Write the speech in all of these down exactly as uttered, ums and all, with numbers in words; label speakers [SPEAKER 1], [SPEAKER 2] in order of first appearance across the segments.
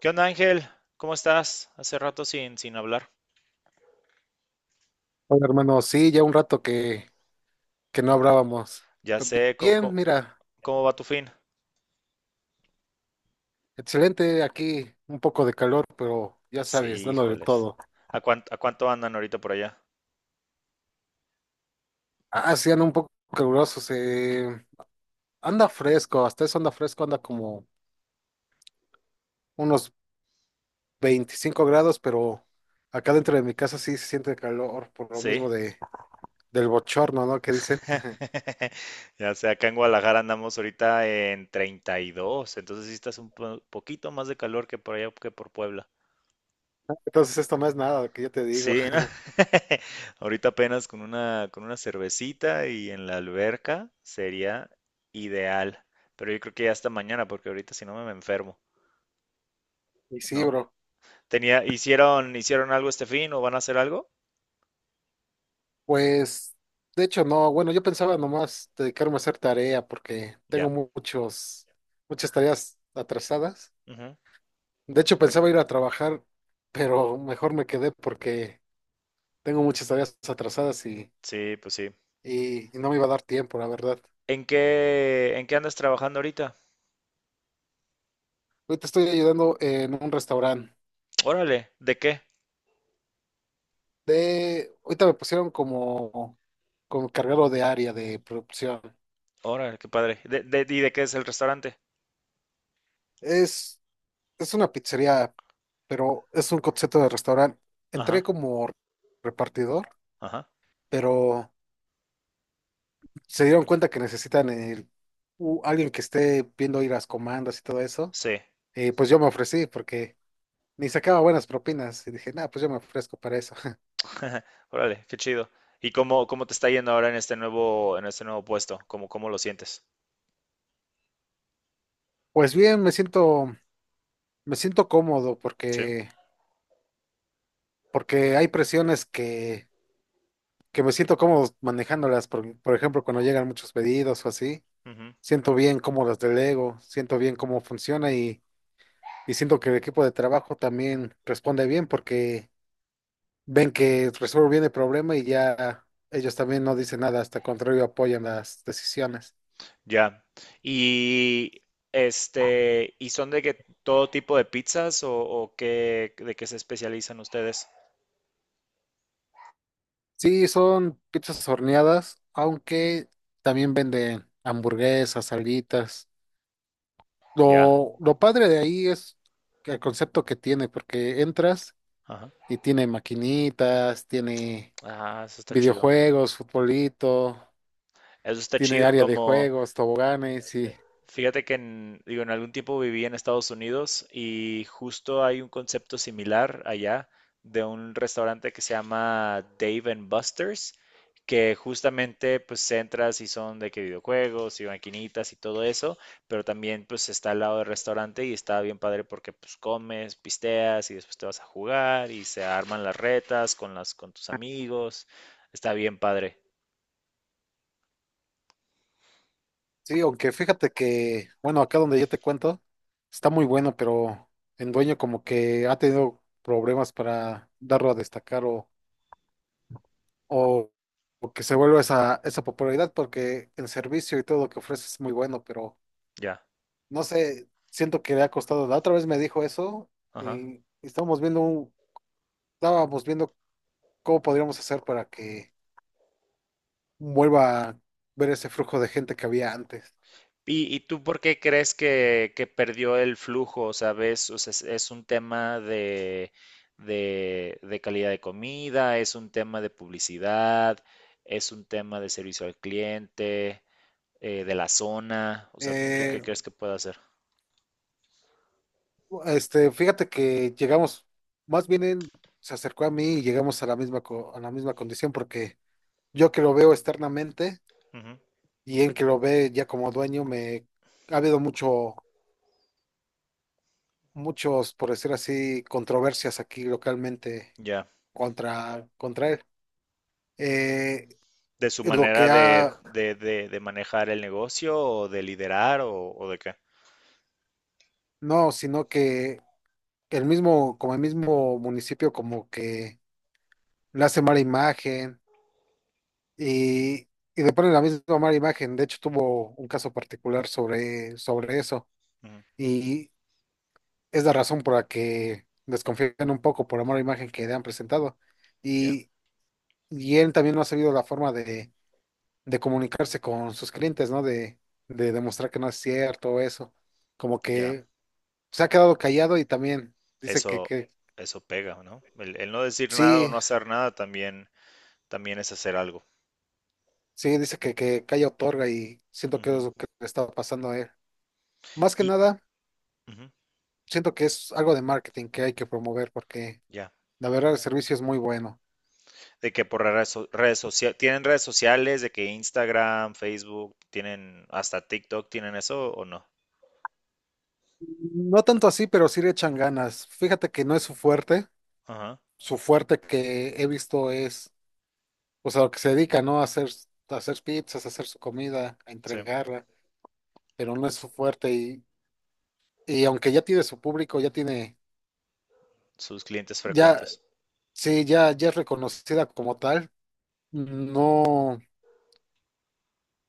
[SPEAKER 1] ¿Qué onda, Ángel? ¿Cómo estás? Hace rato sin, sin hablar.
[SPEAKER 2] Hola, hermano, sí, ya un rato que, que no hablábamos.
[SPEAKER 1] Ya
[SPEAKER 2] Pe-
[SPEAKER 1] sé, ¿cómo,
[SPEAKER 2] Bien,
[SPEAKER 1] cómo-
[SPEAKER 2] mira,
[SPEAKER 1] ¿cómo va tu fin?
[SPEAKER 2] excelente aquí, un poco de calor, pero ya sabes,
[SPEAKER 1] Sí,
[SPEAKER 2] dándole
[SPEAKER 1] híjoles.
[SPEAKER 2] todo.
[SPEAKER 1] ¿A cuánto, ¿a cuánto andan ahorita por allá?
[SPEAKER 2] Ah, sí, anda un poco caluroso, se anda fresco, hasta eso anda fresco, anda como unos veinticinco grados, pero acá dentro de mi casa sí se siente calor, por lo
[SPEAKER 1] Sí.
[SPEAKER 2] mismo de, del bochorno, ¿no? Que dicen.
[SPEAKER 1] Ya sé, acá en Guadalajara andamos ahorita en treinta y dos, entonces sí estás un po- poquito más de calor que por allá que por Puebla.
[SPEAKER 2] Entonces esto no es nada, que yo te digo.
[SPEAKER 1] Sí, ¿no? Ahorita apenas con una, con una cervecita y en la alberca sería ideal. Pero yo creo que ya hasta mañana, porque ahorita si no me me enfermo,
[SPEAKER 2] Y sí,
[SPEAKER 1] ¿no?
[SPEAKER 2] bro.
[SPEAKER 1] Tenía, hicieron, hicieron algo este fin o van a hacer algo?
[SPEAKER 2] Pues, de hecho, no, bueno, yo pensaba nomás dedicarme a hacer tarea porque tengo
[SPEAKER 1] Ya.
[SPEAKER 2] muchos, muchas tareas atrasadas.
[SPEAKER 1] Ujú.
[SPEAKER 2] De hecho, pensaba ir a trabajar, pero mejor me quedé porque tengo muchas tareas atrasadas y,
[SPEAKER 1] Sí, pues sí.
[SPEAKER 2] y, y no me iba a dar tiempo, la verdad.
[SPEAKER 1] ¿En qué, ¿en qué andas trabajando ahorita?
[SPEAKER 2] Ahorita estoy ayudando en un restaurante.
[SPEAKER 1] Órale, ¿de qué?
[SPEAKER 2] De, ahorita me pusieron como, como cargado de área de producción.
[SPEAKER 1] Órale, qué padre. ¿De, de- ¿y de qué es el restaurante?
[SPEAKER 2] Es es una pizzería, pero es un concepto de restaurante. Entré
[SPEAKER 1] Ajá,
[SPEAKER 2] como repartidor,
[SPEAKER 1] ajá.
[SPEAKER 2] pero se dieron cuenta que necesitan el- u- alguien que esté viendo ir las comandas y todo eso.
[SPEAKER 1] Sí.
[SPEAKER 2] Y pues yo me ofrecí porque ni sacaba buenas propinas. Y dije, nada, pues yo me ofrezco para eso.
[SPEAKER 1] Órale, qué chido. ¿Y cómo, ¿cómo te está yendo ahora en este nuevo, en este nuevo puesto? ¿Cómo, ¿cómo lo sientes?
[SPEAKER 2] Pues bien, me siento, me siento cómodo
[SPEAKER 1] Sí.
[SPEAKER 2] porque, porque hay presiones que, que me siento cómodo manejándolas. Por, por ejemplo, cuando llegan muchos pedidos o así,
[SPEAKER 1] Ujú.
[SPEAKER 2] siento bien cómo las delego, siento bien cómo funciona. Y siento que el equipo de trabajo también responde bien porque ven que resuelve bien el problema y ya ellos también no dicen nada, hasta el contrario apoyan las decisiones.
[SPEAKER 1] Ya. Y este, ¿y son de que todo tipo de pizzas o, o qué, de qué se especializan ustedes?
[SPEAKER 2] Sí, son pizzas horneadas, aunque también venden hamburguesas, salitas.
[SPEAKER 1] Ya.
[SPEAKER 2] Lo, lo padre de ahí es el concepto que tiene, porque entras
[SPEAKER 1] Ajá.
[SPEAKER 2] y tiene maquinitas, tiene
[SPEAKER 1] Ah, eso está chido.
[SPEAKER 2] videojuegos, futbolito,
[SPEAKER 1] Eso está
[SPEAKER 2] tiene
[SPEAKER 1] chido,
[SPEAKER 2] área de
[SPEAKER 1] como,
[SPEAKER 2] juegos, toboganes y…
[SPEAKER 1] fíjate que en, digo, en algún tiempo viví en Estados Unidos y justo hay un concepto similar allá de un restaurante que se llama Dave and Buster's, que justamente pues entras y son de que videojuegos y maquinitas y todo eso, pero también pues está al lado del restaurante y está bien padre porque pues comes, pisteas y después te vas a jugar y se arman las retas con las con tus amigos. Está bien padre.
[SPEAKER 2] Sí, aunque fíjate que, bueno, acá donde yo te cuento, está muy bueno, pero el dueño como que ha tenido problemas para darlo a destacar o, o, o que se vuelva esa, esa popularidad porque el servicio y todo lo que ofrece es muy bueno, pero
[SPEAKER 1] Ya.
[SPEAKER 2] no sé, siento que le ha costado. La otra vez me dijo eso
[SPEAKER 1] Ajá.
[SPEAKER 2] y estábamos viendo, un- estábamos viendo cómo podríamos hacer para que vuelva a ver ese flujo de gente que había antes.
[SPEAKER 1] ¿Y, y tú por qué crees que, que perdió el flujo? O sea, ves, o sea, es, es un tema de, de, de calidad de comida, es un tema de publicidad, es un tema de servicio al cliente, eh, de la zona. O sea, ¿tú qué
[SPEAKER 2] Eh,
[SPEAKER 1] crees que puede hacer?
[SPEAKER 2] Este, fíjate que llegamos, más bien él se acercó a mí y llegamos a la misma, co- a la misma condición porque yo que lo veo externamente
[SPEAKER 1] Ujú.
[SPEAKER 2] y él que lo ve ya como dueño, me ha habido mucho, muchos, por decir así, controversias aquí localmente
[SPEAKER 1] Ya.
[SPEAKER 2] contra, contra él. Eh,
[SPEAKER 1] ¿De su
[SPEAKER 2] lo que
[SPEAKER 1] manera de,
[SPEAKER 2] ha,
[SPEAKER 1] de, de- de manejar el negocio o de liderar o, o de qué?
[SPEAKER 2] no, Sino que el mismo, como el mismo municipio como que le hace mala imagen y, y le ponen la misma mala imagen. De hecho, tuvo un caso particular sobre, sobre eso.
[SPEAKER 1] Ujú.
[SPEAKER 2] Y es la razón por la que desconfían un poco por la mala imagen que le han presentado.
[SPEAKER 1] Ya,
[SPEAKER 2] Y, y él también no ha sabido la forma de, de comunicarse con sus clientes, ¿no? De, de demostrar que no es cierto eso. Como
[SPEAKER 1] ya.
[SPEAKER 2] que se ha quedado callado y también dice que,
[SPEAKER 1] Eso,
[SPEAKER 2] que
[SPEAKER 1] eso pega, ¿no? El, el no decir nada o
[SPEAKER 2] sí,
[SPEAKER 1] no hacer nada también también es hacer algo.
[SPEAKER 2] sí, dice que, que calla otorga y siento que es
[SPEAKER 1] Ujú.
[SPEAKER 2] lo que le está pasando a él. Más que
[SPEAKER 1] Y
[SPEAKER 2] nada.
[SPEAKER 1] ujú,
[SPEAKER 2] Siento que es algo de marketing que hay que promover porque
[SPEAKER 1] ya.
[SPEAKER 2] la verdad el servicio es muy bueno.
[SPEAKER 1] De que por redes, so- redes sociales, ¿tienen redes sociales? De que Instagram, Facebook, tienen hasta TikTok, ¿tienen eso o no?
[SPEAKER 2] No tanto así, pero sí le echan ganas. Fíjate que no es su fuerte.
[SPEAKER 1] Ajá,
[SPEAKER 2] Su fuerte que he visto es, o sea, lo que se dedica, ¿no? A hacer, a hacer pizzas, a hacer su comida, a
[SPEAKER 1] sí.
[SPEAKER 2] entregarla, pero no es su fuerte. Y, y aunque ya tiene su público, ya tiene,
[SPEAKER 1] Sus clientes
[SPEAKER 2] ya,
[SPEAKER 1] frecuentes.
[SPEAKER 2] sí, ya, ya es reconocida como tal, no.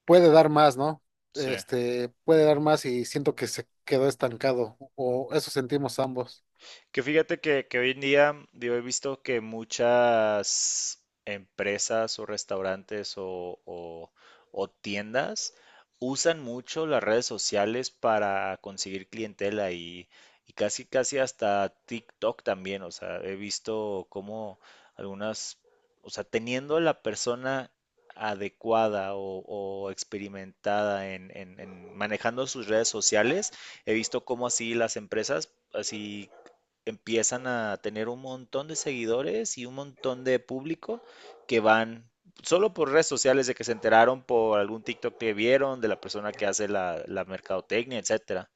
[SPEAKER 2] Puede dar más, ¿no?
[SPEAKER 1] Sí.
[SPEAKER 2] Este, puede dar más y siento que se quedó estancado, o eso sentimos ambos.
[SPEAKER 1] Que fíjate que, que hoy en día, digo, he visto que muchas empresas o restaurantes o, o- o tiendas usan mucho las redes sociales para conseguir clientela y, y casi, casi hasta TikTok también. O sea, he visto cómo algunas, o sea, teniendo la persona adecuada o, o experimentada en en- en manejando sus redes sociales, he visto cómo así las empresas así empiezan a tener un montón de seguidores y un montón de público que van solo por redes sociales de que se enteraron por algún TikTok que vieron de la persona que hace la, la mercadotecnia, etcétera.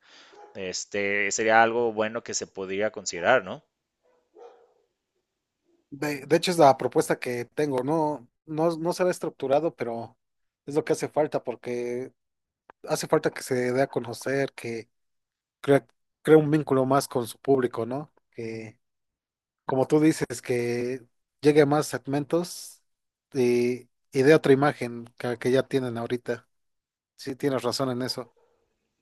[SPEAKER 1] Este sería algo bueno que se podría considerar, ¿no?
[SPEAKER 2] De, de hecho, es la propuesta que tengo, no, no, no se ve estructurado, pero es lo que hace falta, porque hace falta que se dé a conocer, que crea, crea un vínculo más con su público, ¿no? Que, como tú dices, que llegue a más segmentos y, y dé otra imagen que, que ya tienen ahorita. Sí, tienes razón en eso.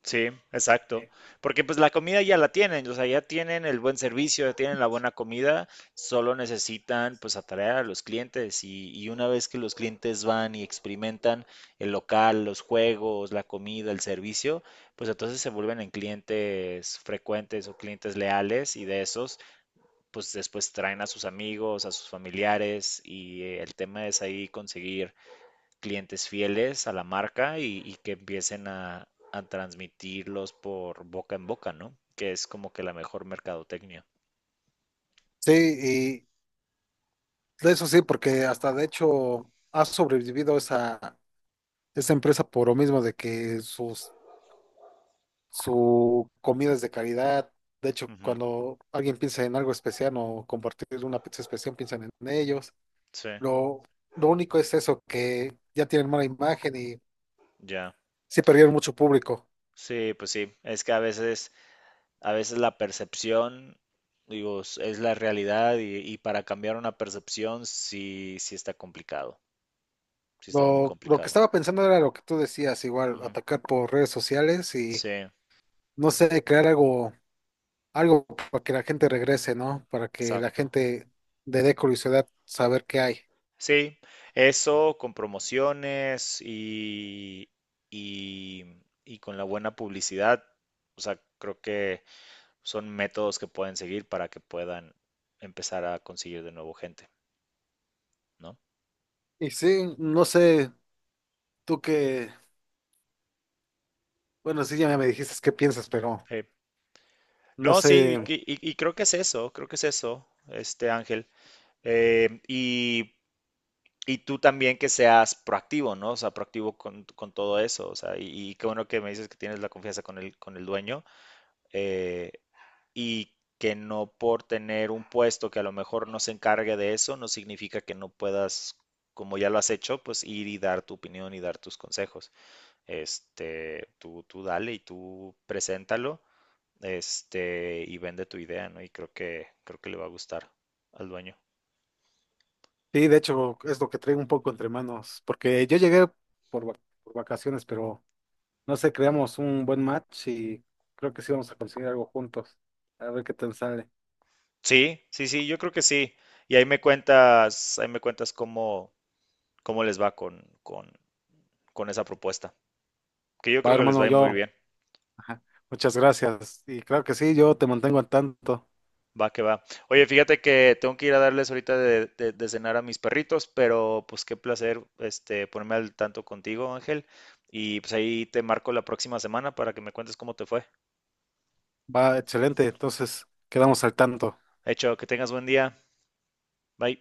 [SPEAKER 1] Sí, exacto. Porque pues la comida ya la tienen, o sea, ya tienen el buen servicio, ya tienen la buena comida, solo necesitan pues atraer a los clientes y, y una vez que los clientes van y experimentan el local, los juegos, la comida, el servicio, pues entonces se vuelven en clientes frecuentes o clientes leales y de esos pues después traen a sus amigos, a sus familiares y eh, el tema es ahí conseguir clientes fieles a la marca y, y que empiecen a, a transmitirlos por boca en boca, ¿no? Que es como que la mejor mercadotecnia.
[SPEAKER 2] Sí, de eso sí, porque hasta de hecho ha sobrevivido esa, esa empresa por lo mismo de que sus, su comida es de calidad. De hecho,
[SPEAKER 1] Ujú.
[SPEAKER 2] cuando alguien piensa en algo especial o compartir una pizza especial, piensan en ellos.
[SPEAKER 1] Sí,
[SPEAKER 2] Lo, lo único es eso, que ya tienen mala imagen y
[SPEAKER 1] ya.
[SPEAKER 2] sí perdieron mucho público.
[SPEAKER 1] Sí, pues sí. Es que a veces, a veces la percepción, digo, es es la realidad y, y para cambiar una percepción sí, sí está complicado. Sí está muy
[SPEAKER 2] Lo, lo que
[SPEAKER 1] complicado.
[SPEAKER 2] estaba pensando era lo que tú decías, igual,
[SPEAKER 1] Ujú.
[SPEAKER 2] atacar por redes sociales y,
[SPEAKER 1] Sí,
[SPEAKER 2] no sé, crear algo. Algo para que la gente regrese, ¿no? Para que la
[SPEAKER 1] exacto.
[SPEAKER 2] gente le dé curiosidad saber qué hay.
[SPEAKER 1] Sí, eso con promociones y, y, y con la buena publicidad. O sea, creo que son métodos que pueden seguir para que puedan empezar a conseguir de nuevo gente, ¿no?
[SPEAKER 2] Y sí, no sé, tú qué, bueno, sí, ya me dijiste qué piensas, pero
[SPEAKER 1] Sí.
[SPEAKER 2] no
[SPEAKER 1] No, sí,
[SPEAKER 2] sé,
[SPEAKER 1] y, y- y creo que es eso, creo que es eso, este Ángel. Eh, y, y tú también que seas proactivo, ¿no? O sea, proactivo con, con todo eso. O sea, y, y qué bueno que me dices que tienes la confianza con el, con el dueño. Eh, y que no por tener un puesto que a lo mejor no se encargue de eso, no significa que no puedas, como ya lo has hecho, pues ir y dar tu opinión y dar tus consejos. Este, tú, tú dale y tú preséntalo, este, y vende tu idea, ¿no? Y creo que, creo que le va a gustar al dueño.
[SPEAKER 2] sí, de hecho es lo que traigo un poco entre manos, porque yo llegué por, va- por vacaciones, pero no sé, creamos un buen match y creo que sí vamos a conseguir algo juntos, a ver qué tal sale.
[SPEAKER 1] Sí, sí, sí, yo creo que sí. Y ahí me cuentas, ahí me cuentas cómo, cómo les va con, con, con esa propuesta, que yo
[SPEAKER 2] Va,
[SPEAKER 1] creo que les va
[SPEAKER 2] hermano,
[SPEAKER 1] a ir muy
[SPEAKER 2] yo,
[SPEAKER 1] bien.
[SPEAKER 2] ajá, muchas gracias, y claro que sí, yo te mantengo al tanto.
[SPEAKER 1] Va que va. Oye, fíjate que tengo que ir a darles ahorita de, de- de cenar a mis perritos, pero pues qué placer este ponerme al tanto contigo, Ángel. Y pues ahí te marco la próxima semana para que me cuentes cómo te fue.
[SPEAKER 2] Va, excelente, entonces quedamos al tanto.
[SPEAKER 1] Hecho, que tengas buen día. Bye.